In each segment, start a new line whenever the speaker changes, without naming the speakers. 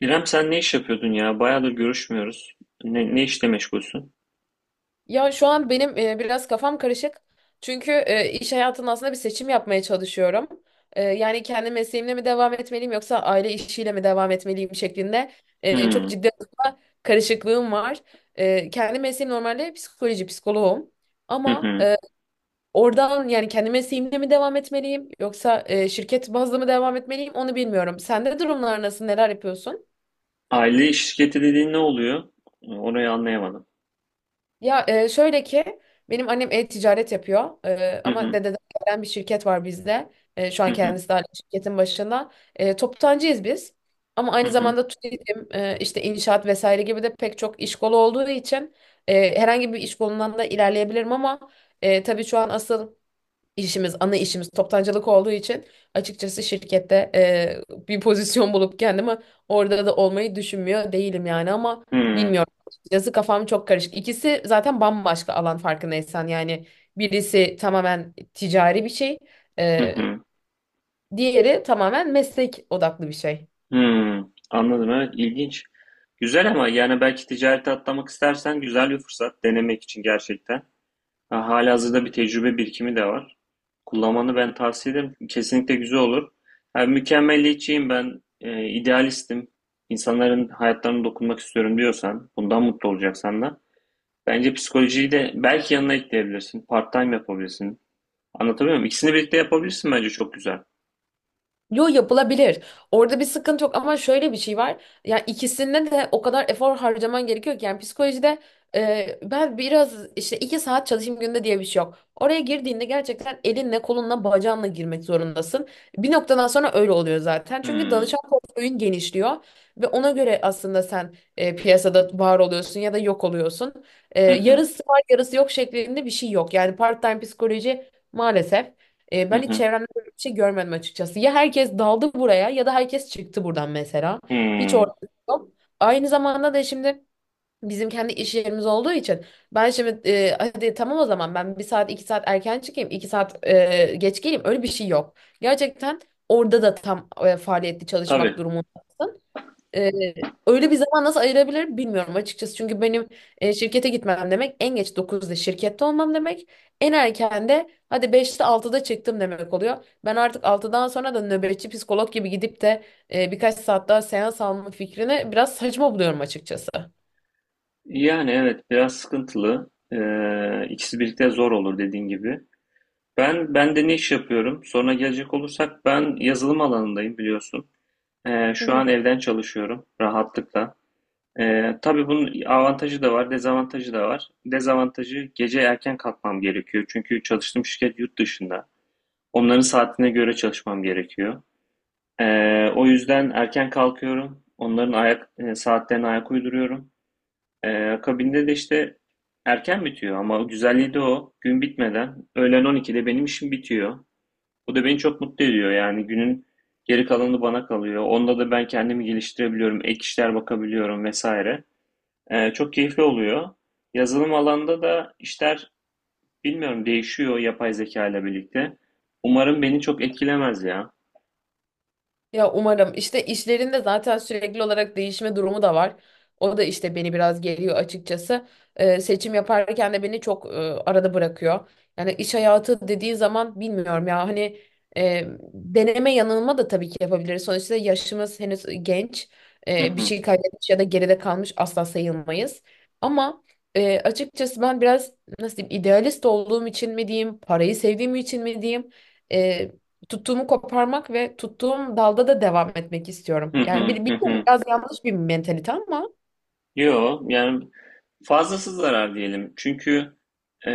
İrem sen ne iş yapıyordun ya? Bayağıdır görüşmüyoruz. Ne işle meşgulsün?
Ya şu an benim biraz kafam karışık. Çünkü iş hayatında aslında bir seçim yapmaya çalışıyorum. Yani kendi mesleğimle mi devam etmeliyim yoksa aile işiyle mi devam etmeliyim şeklinde çok
Hmm.
ciddi anlamda karışıklığım var. Kendi mesleğim normalde psikoloji, psikoloğum.
Hı
Ama
hı.
oradan yani kendi mesleğimle mi devam etmeliyim yoksa şirket bazlı mı devam etmeliyim onu bilmiyorum. Sende durumlar nasıl, neler yapıyorsun?
Aile şirketi dediğin ne oluyor? Orayı anlayamadım.
Ya şöyle ki benim annem e-ticaret yapıyor,
Hı
ama
hı.
dededen gelen bir şirket var bizde. Şu an
Hı hı.
kendisi de hala şirketin başında. Toptancıyız biz. Ama
Hı
aynı
hı.
zamanda turizm, işte inşaat vesaire gibi de pek çok iş kolu olduğu için herhangi bir iş kolundan da ilerleyebilirim ama tabii şu an asıl işimiz, ana işimiz toptancılık olduğu için açıkçası şirkette bir pozisyon bulup kendimi orada da olmayı düşünmüyor değilim yani ama
Hı hı.
bilmiyorum. Açıkçası kafam çok karışık. İkisi zaten bambaşka alan farkındaysan yani birisi tamamen ticari bir şey, e,
Hı
diğeri tamamen meslek odaklı bir şey.
hı. Anladım, evet, ilginç. Güzel, ama yani belki ticarete atlamak istersen güzel bir fırsat denemek için gerçekten. Ha, halihazırda bir tecrübe birikimi de var. Kullanmanı ben tavsiye ederim. Kesinlikle güzel olur. Ha, mükemmeliyetçiyim ben, idealistim. İnsanların hayatlarına dokunmak istiyorum diyorsan, bundan mutlu olacaksan da bence psikolojiyi de belki yanına ekleyebilirsin. Part-time yapabilirsin. Anlatabiliyor muyum? İkisini birlikte yapabilirsin, bence çok güzel.
Yo yapılabilir. Orada bir sıkıntı yok ama şöyle bir şey var. Ya ikisinde de o kadar efor harcaman gerekiyor ki yani psikolojide ben biraz işte iki saat çalışayım günde diye bir şey yok. Oraya girdiğinde gerçekten elinle, kolunla, bacağınla girmek zorundasın. Bir noktadan sonra öyle oluyor zaten. Çünkü
Hmm.
danışan portföyün genişliyor ve ona göre aslında sen piyasada var oluyorsun ya da yok oluyorsun. E,
Hı hı,
yarısı var, yarısı yok şeklinde bir şey yok. Yani part-time psikoloji maalesef. E,
hı
ben hiç
hı,
çevremde bir şey görmedim açıkçası. Ya herkes daldı buraya ya da herkes çıktı buradan mesela. Hiç
hmm.
ortada yok. Aynı zamanda da şimdi bizim kendi iş yerimiz olduğu için ben şimdi hadi tamam o zaman ben bir saat iki saat erken çıkayım iki saat geç geleyim öyle bir şey yok. Gerçekten orada da tam faaliyetli
Tabii.
çalışmak durumunda. Ee, öyle bir zaman nasıl ayırabilirim bilmiyorum açıkçası. Çünkü benim şirkete gitmem demek en geç dokuzda şirkette olmam demek. En erken de hadi beşte altıda çıktım demek oluyor. Ben artık altıdan sonra da nöbetçi psikolog gibi gidip de birkaç saat daha seans alma fikrini biraz saçma buluyorum açıkçası.
Yani evet, biraz sıkıntılı. İkisi birlikte zor olur dediğin gibi. Ben de ne iş yapıyorum? Sonra gelecek olursak ben yazılım alanındayım, biliyorsun.
Hı
Şu
hı.
an evden çalışıyorum rahatlıkla. Tabii bunun avantajı da var, dezavantajı da var. Dezavantajı gece erken kalkmam gerekiyor. Çünkü çalıştığım şirket yurt dışında. Onların saatine göre çalışmam gerekiyor. O yüzden erken kalkıyorum. Onların ayak saatlerine ayak uyduruyorum. Akabinde de işte erken bitiyor, ama güzelliği de o. Gün bitmeden öğlen 12'de benim işim bitiyor. Bu da beni çok mutlu ediyor. Yani günün geri kalanı bana kalıyor. Onda da ben kendimi geliştirebiliyorum, ek işler bakabiliyorum vesaire. Çok keyifli oluyor. Yazılım alanda da işler bilmiyorum, değişiyor yapay zeka ile birlikte. Umarım beni çok etkilemez ya.
Ya umarım işte işlerinde zaten sürekli olarak değişme durumu da var. O da işte beni biraz geliyor açıkçası. Seçim yaparken de beni çok arada bırakıyor. Yani iş hayatı dediği zaman bilmiyorum ya hani e, deneme yanılma da tabii ki yapabiliriz. Sonuçta yaşımız henüz genç. Bir şey kaybetmiş ya da geride kalmış asla sayılmayız. Ama açıkçası ben biraz nasıl diyeyim idealist olduğum için mi diyeyim, parayı sevdiğim için mi diyeyim? e, tuttuğumu koparmak ve tuttuğum dalda da devam etmek istiyorum.
Hı
Yani bir,
hı, hı
biliyorum
hı.
biraz yanlış bir mentalite ama.
Yok yani, fazlası zarar diyelim. Çünkü e,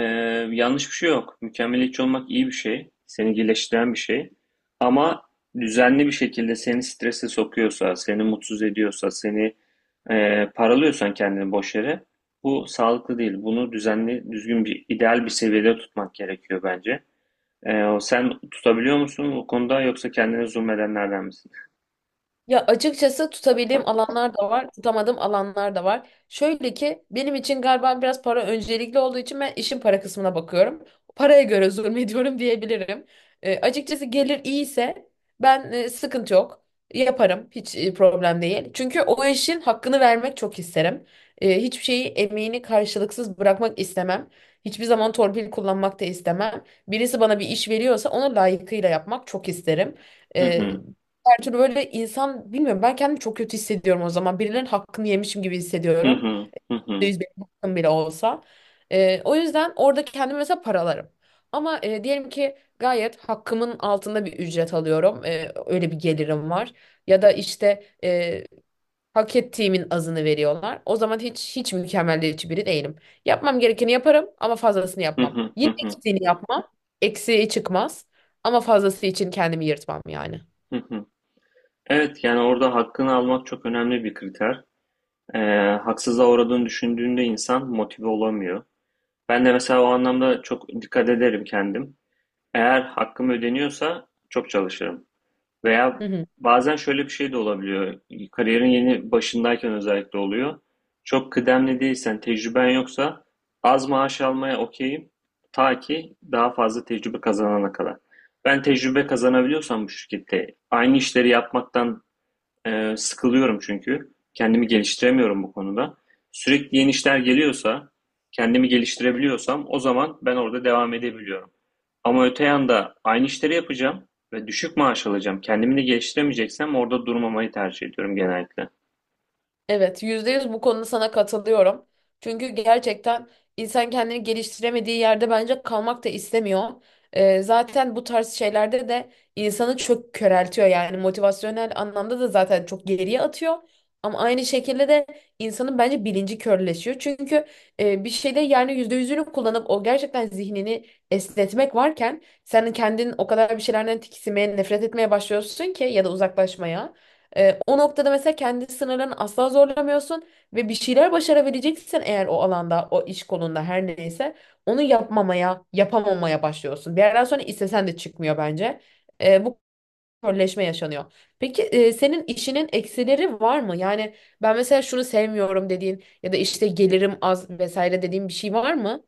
yanlış bir şey yok. Mükemmeliyetçi olmak iyi bir şey. Seni iyileştiren bir şey. Ama düzenli bir şekilde seni strese sokuyorsa, seni mutsuz ediyorsa, seni paralıyorsan kendini boş yere, bu sağlıklı değil. Bunu düzenli, düzgün bir, ideal bir seviyede tutmak gerekiyor bence. Sen tutabiliyor musun bu konuda, yoksa kendine zulmedenlerden misin?
Ya açıkçası tutabildiğim alanlar da var, tutamadığım alanlar da var. Şöyle ki benim için galiba biraz para öncelikli olduğu için ben işin para kısmına bakıyorum. Paraya göre zulmediyorum diyebilirim. Açıkçası gelir iyiyse ben sıkıntı yok. Yaparım hiç problem değil. Çünkü o işin hakkını vermek çok isterim. Hiçbir şeyi emeğini karşılıksız bırakmak istemem. Hiçbir zaman torpil kullanmak da istemem. Birisi bana bir iş veriyorsa onu layıkıyla yapmak çok isterim.
Hı
Ee,
hı,
her türlü böyle insan bilmiyorum ben kendimi çok kötü hissediyorum o zaman. Birilerinin hakkını yemişim gibi
hı
hissediyorum.
hı, hı hı,
%100 benim hakkım bile olsa. O yüzden orada kendimi mesela paralarım. Ama diyelim ki gayet hakkımın altında bir ücret alıyorum. Öyle bir gelirim var. Ya da işte hak ettiğimin azını veriyorlar. O zaman hiç mükemmelliyetçi biri değilim. Yapmam gerekeni yaparım ama fazlasını
hı
yapmam.
hı,
Yine
hı hı,
eksiğini yapmam. Eksiği çıkmaz. Ama fazlası için kendimi yırtmam yani.
hı hı. Evet, yani orada hakkını almak çok önemli bir kriter. Ee, haksızlığa uğradığını düşündüğünde insan motive olamıyor. Ben de mesela o anlamda çok dikkat ederim kendim. Eğer hakkım ödeniyorsa çok çalışırım. Veya
Hı hı.
bazen şöyle bir şey de olabiliyor. Kariyerin yeni başındayken özellikle oluyor. Çok kıdemli değilsen, tecrüben yoksa az maaş almaya okeyim. Ta ki daha fazla tecrübe kazanana kadar. Ben tecrübe kazanabiliyorsam bu şirkette aynı işleri yapmaktan sıkılıyorum çünkü. Kendimi geliştiremiyorum bu konuda. Sürekli yeni işler geliyorsa, kendimi geliştirebiliyorsam o zaman ben orada devam edebiliyorum. Ama öte yanda aynı işleri yapacağım ve düşük maaş alacağım. Kendimi de geliştiremeyeceksem orada durmamayı tercih ediyorum genellikle.
Evet, %100 bu konuda sana katılıyorum. Çünkü gerçekten insan kendini geliştiremediği yerde bence kalmak da istemiyor. Zaten bu tarz şeylerde de insanı çok köreltiyor yani motivasyonel anlamda da zaten çok geriye atıyor. Ama aynı şekilde de insanın bence bilinci körleşiyor. Çünkü bir şeyde yani yüzde yüzünü kullanıp o gerçekten zihnini esnetmek varken sen kendin o kadar bir şeylerden tiksinmeye, nefret etmeye başlıyorsun ki ya da uzaklaşmaya. O noktada mesela kendi sınırlarını asla zorlamıyorsun ve bir şeyler başarabileceksen eğer o alanda, o iş kolunda her neyse onu yapmamaya, yapamamaya başlıyorsun. Bir yerden sonra istesen de çıkmıyor bence. Bu körleşme yaşanıyor. Peki senin işinin eksileri var mı? Yani ben mesela şunu sevmiyorum dediğin ya da işte gelirim az vesaire dediğin bir şey var mı?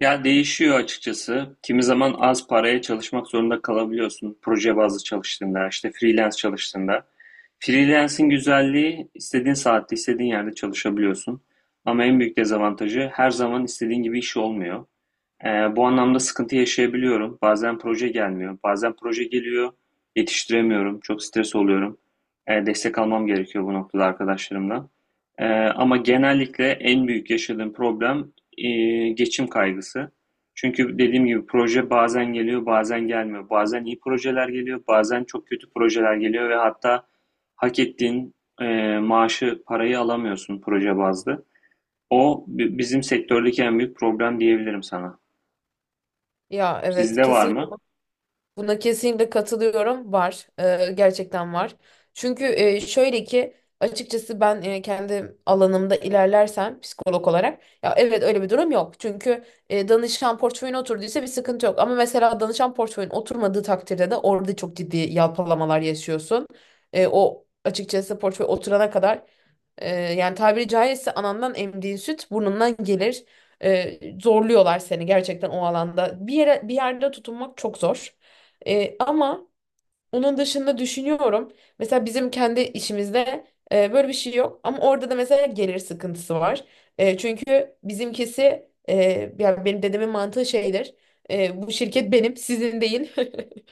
Ya değişiyor açıkçası. Kimi zaman az paraya çalışmak zorunda kalabiliyorsun. Proje bazlı çalıştığında, işte freelance çalıştığında. Freelance'in güzelliği istediğin saatte, istediğin yerde çalışabiliyorsun. Ama en büyük dezavantajı her zaman istediğin gibi iş olmuyor. Bu anlamda sıkıntı yaşayabiliyorum. Bazen proje gelmiyor, bazen proje geliyor, yetiştiremiyorum, çok stres oluyorum. Destek almam gerekiyor bu noktada arkadaşlarımdan. Eee, Ama genellikle en büyük yaşadığım problem geçim kaygısı. Çünkü dediğim gibi proje bazen geliyor, bazen gelmiyor. Bazen iyi projeler geliyor, bazen çok kötü projeler geliyor ve hatta hak ettiğin maaşı, parayı alamıyorsun proje bazlı. Bizim sektördeki en büyük problem diyebilirim sana.
Ya evet
Sizde var
kesin.
mı?
Buna kesinlikle katılıyorum. Var. Gerçekten var. Çünkü şöyle ki açıkçası ben kendi alanımda ilerlersem psikolog olarak ya evet öyle bir durum yok. Çünkü danışan portföyüne oturduysa bir sıkıntı yok. Ama mesela danışan portföyün oturmadığı takdirde de orada çok ciddi yalpalamalar yaşıyorsun. O açıkçası portföy oturana kadar yani tabiri caizse anandan emdiğin süt burnundan gelir. Zorluyorlar seni gerçekten o alanda. Bir yere bir yerde tutunmak çok zor. Ama onun dışında düşünüyorum. Mesela bizim kendi işimizde böyle bir şey yok. Ama orada da mesela gelir sıkıntısı var. Çünkü bizimkisi yani benim dedemin mantığı şeydir. Bu şirket benim, sizin değil.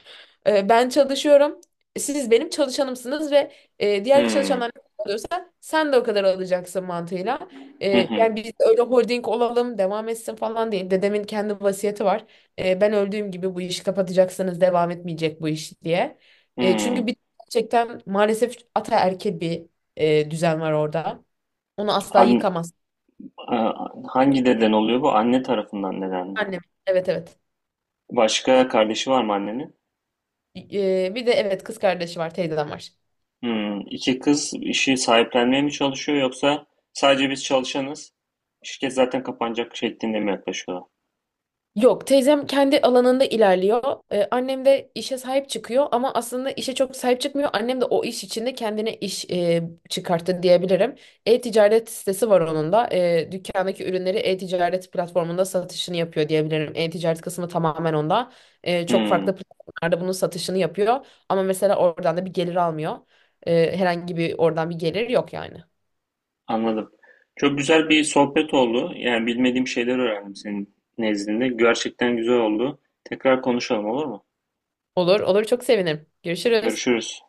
Ben çalışıyorum. Siz benim çalışanımsınız ve diğer
Hımm.
çalışanlar ne kadar alıyorsa sen de o kadar alacaksın mantığıyla.
Hı
E,
hı.
yani biz öyle holding olalım devam etsin falan değil. Dedemin kendi vasiyeti var. Ben öldüğüm gibi bu işi kapatacaksınız devam etmeyecek bu iş diye. Çünkü
Hımm.
bir gerçekten maalesef ataerkil bir düzen var orada. Onu asla
An
yıkamaz.
a hangi deden oluyor bu? Anne tarafından deden mi?
Annem evet evet.
Başka kardeşi var mı annenin?
Bir de evet kız kardeşi var teyzem var.
Hımm. 2 kız işi sahiplenmeye mi çalışıyor, yoksa sadece biz çalışanız, şirket zaten kapanacak şeklinde mi yaklaşıyorlar?
Yok, teyzem kendi alanında ilerliyor. Annem de işe sahip çıkıyor ama aslında işe çok sahip çıkmıyor. Annem de o iş içinde kendine iş çıkarttı diyebilirim. E-ticaret sitesi var onun da. Dükkandaki ürünleri e-ticaret platformunda satışını yapıyor diyebilirim. E-ticaret kısmı tamamen onda. Çok
Hımm.
farklı platformlarda bunun satışını yapıyor. Ama mesela oradan da bir gelir almıyor. Herhangi bir oradan bir gelir yok yani.
Anladım. Çok güzel bir sohbet oldu. Yani bilmediğim şeyler öğrendim senin nezdinde. Gerçekten güzel oldu. Tekrar konuşalım, olur mu?
Olur, olur çok sevinirim. Görüşürüz.
Görüşürüz.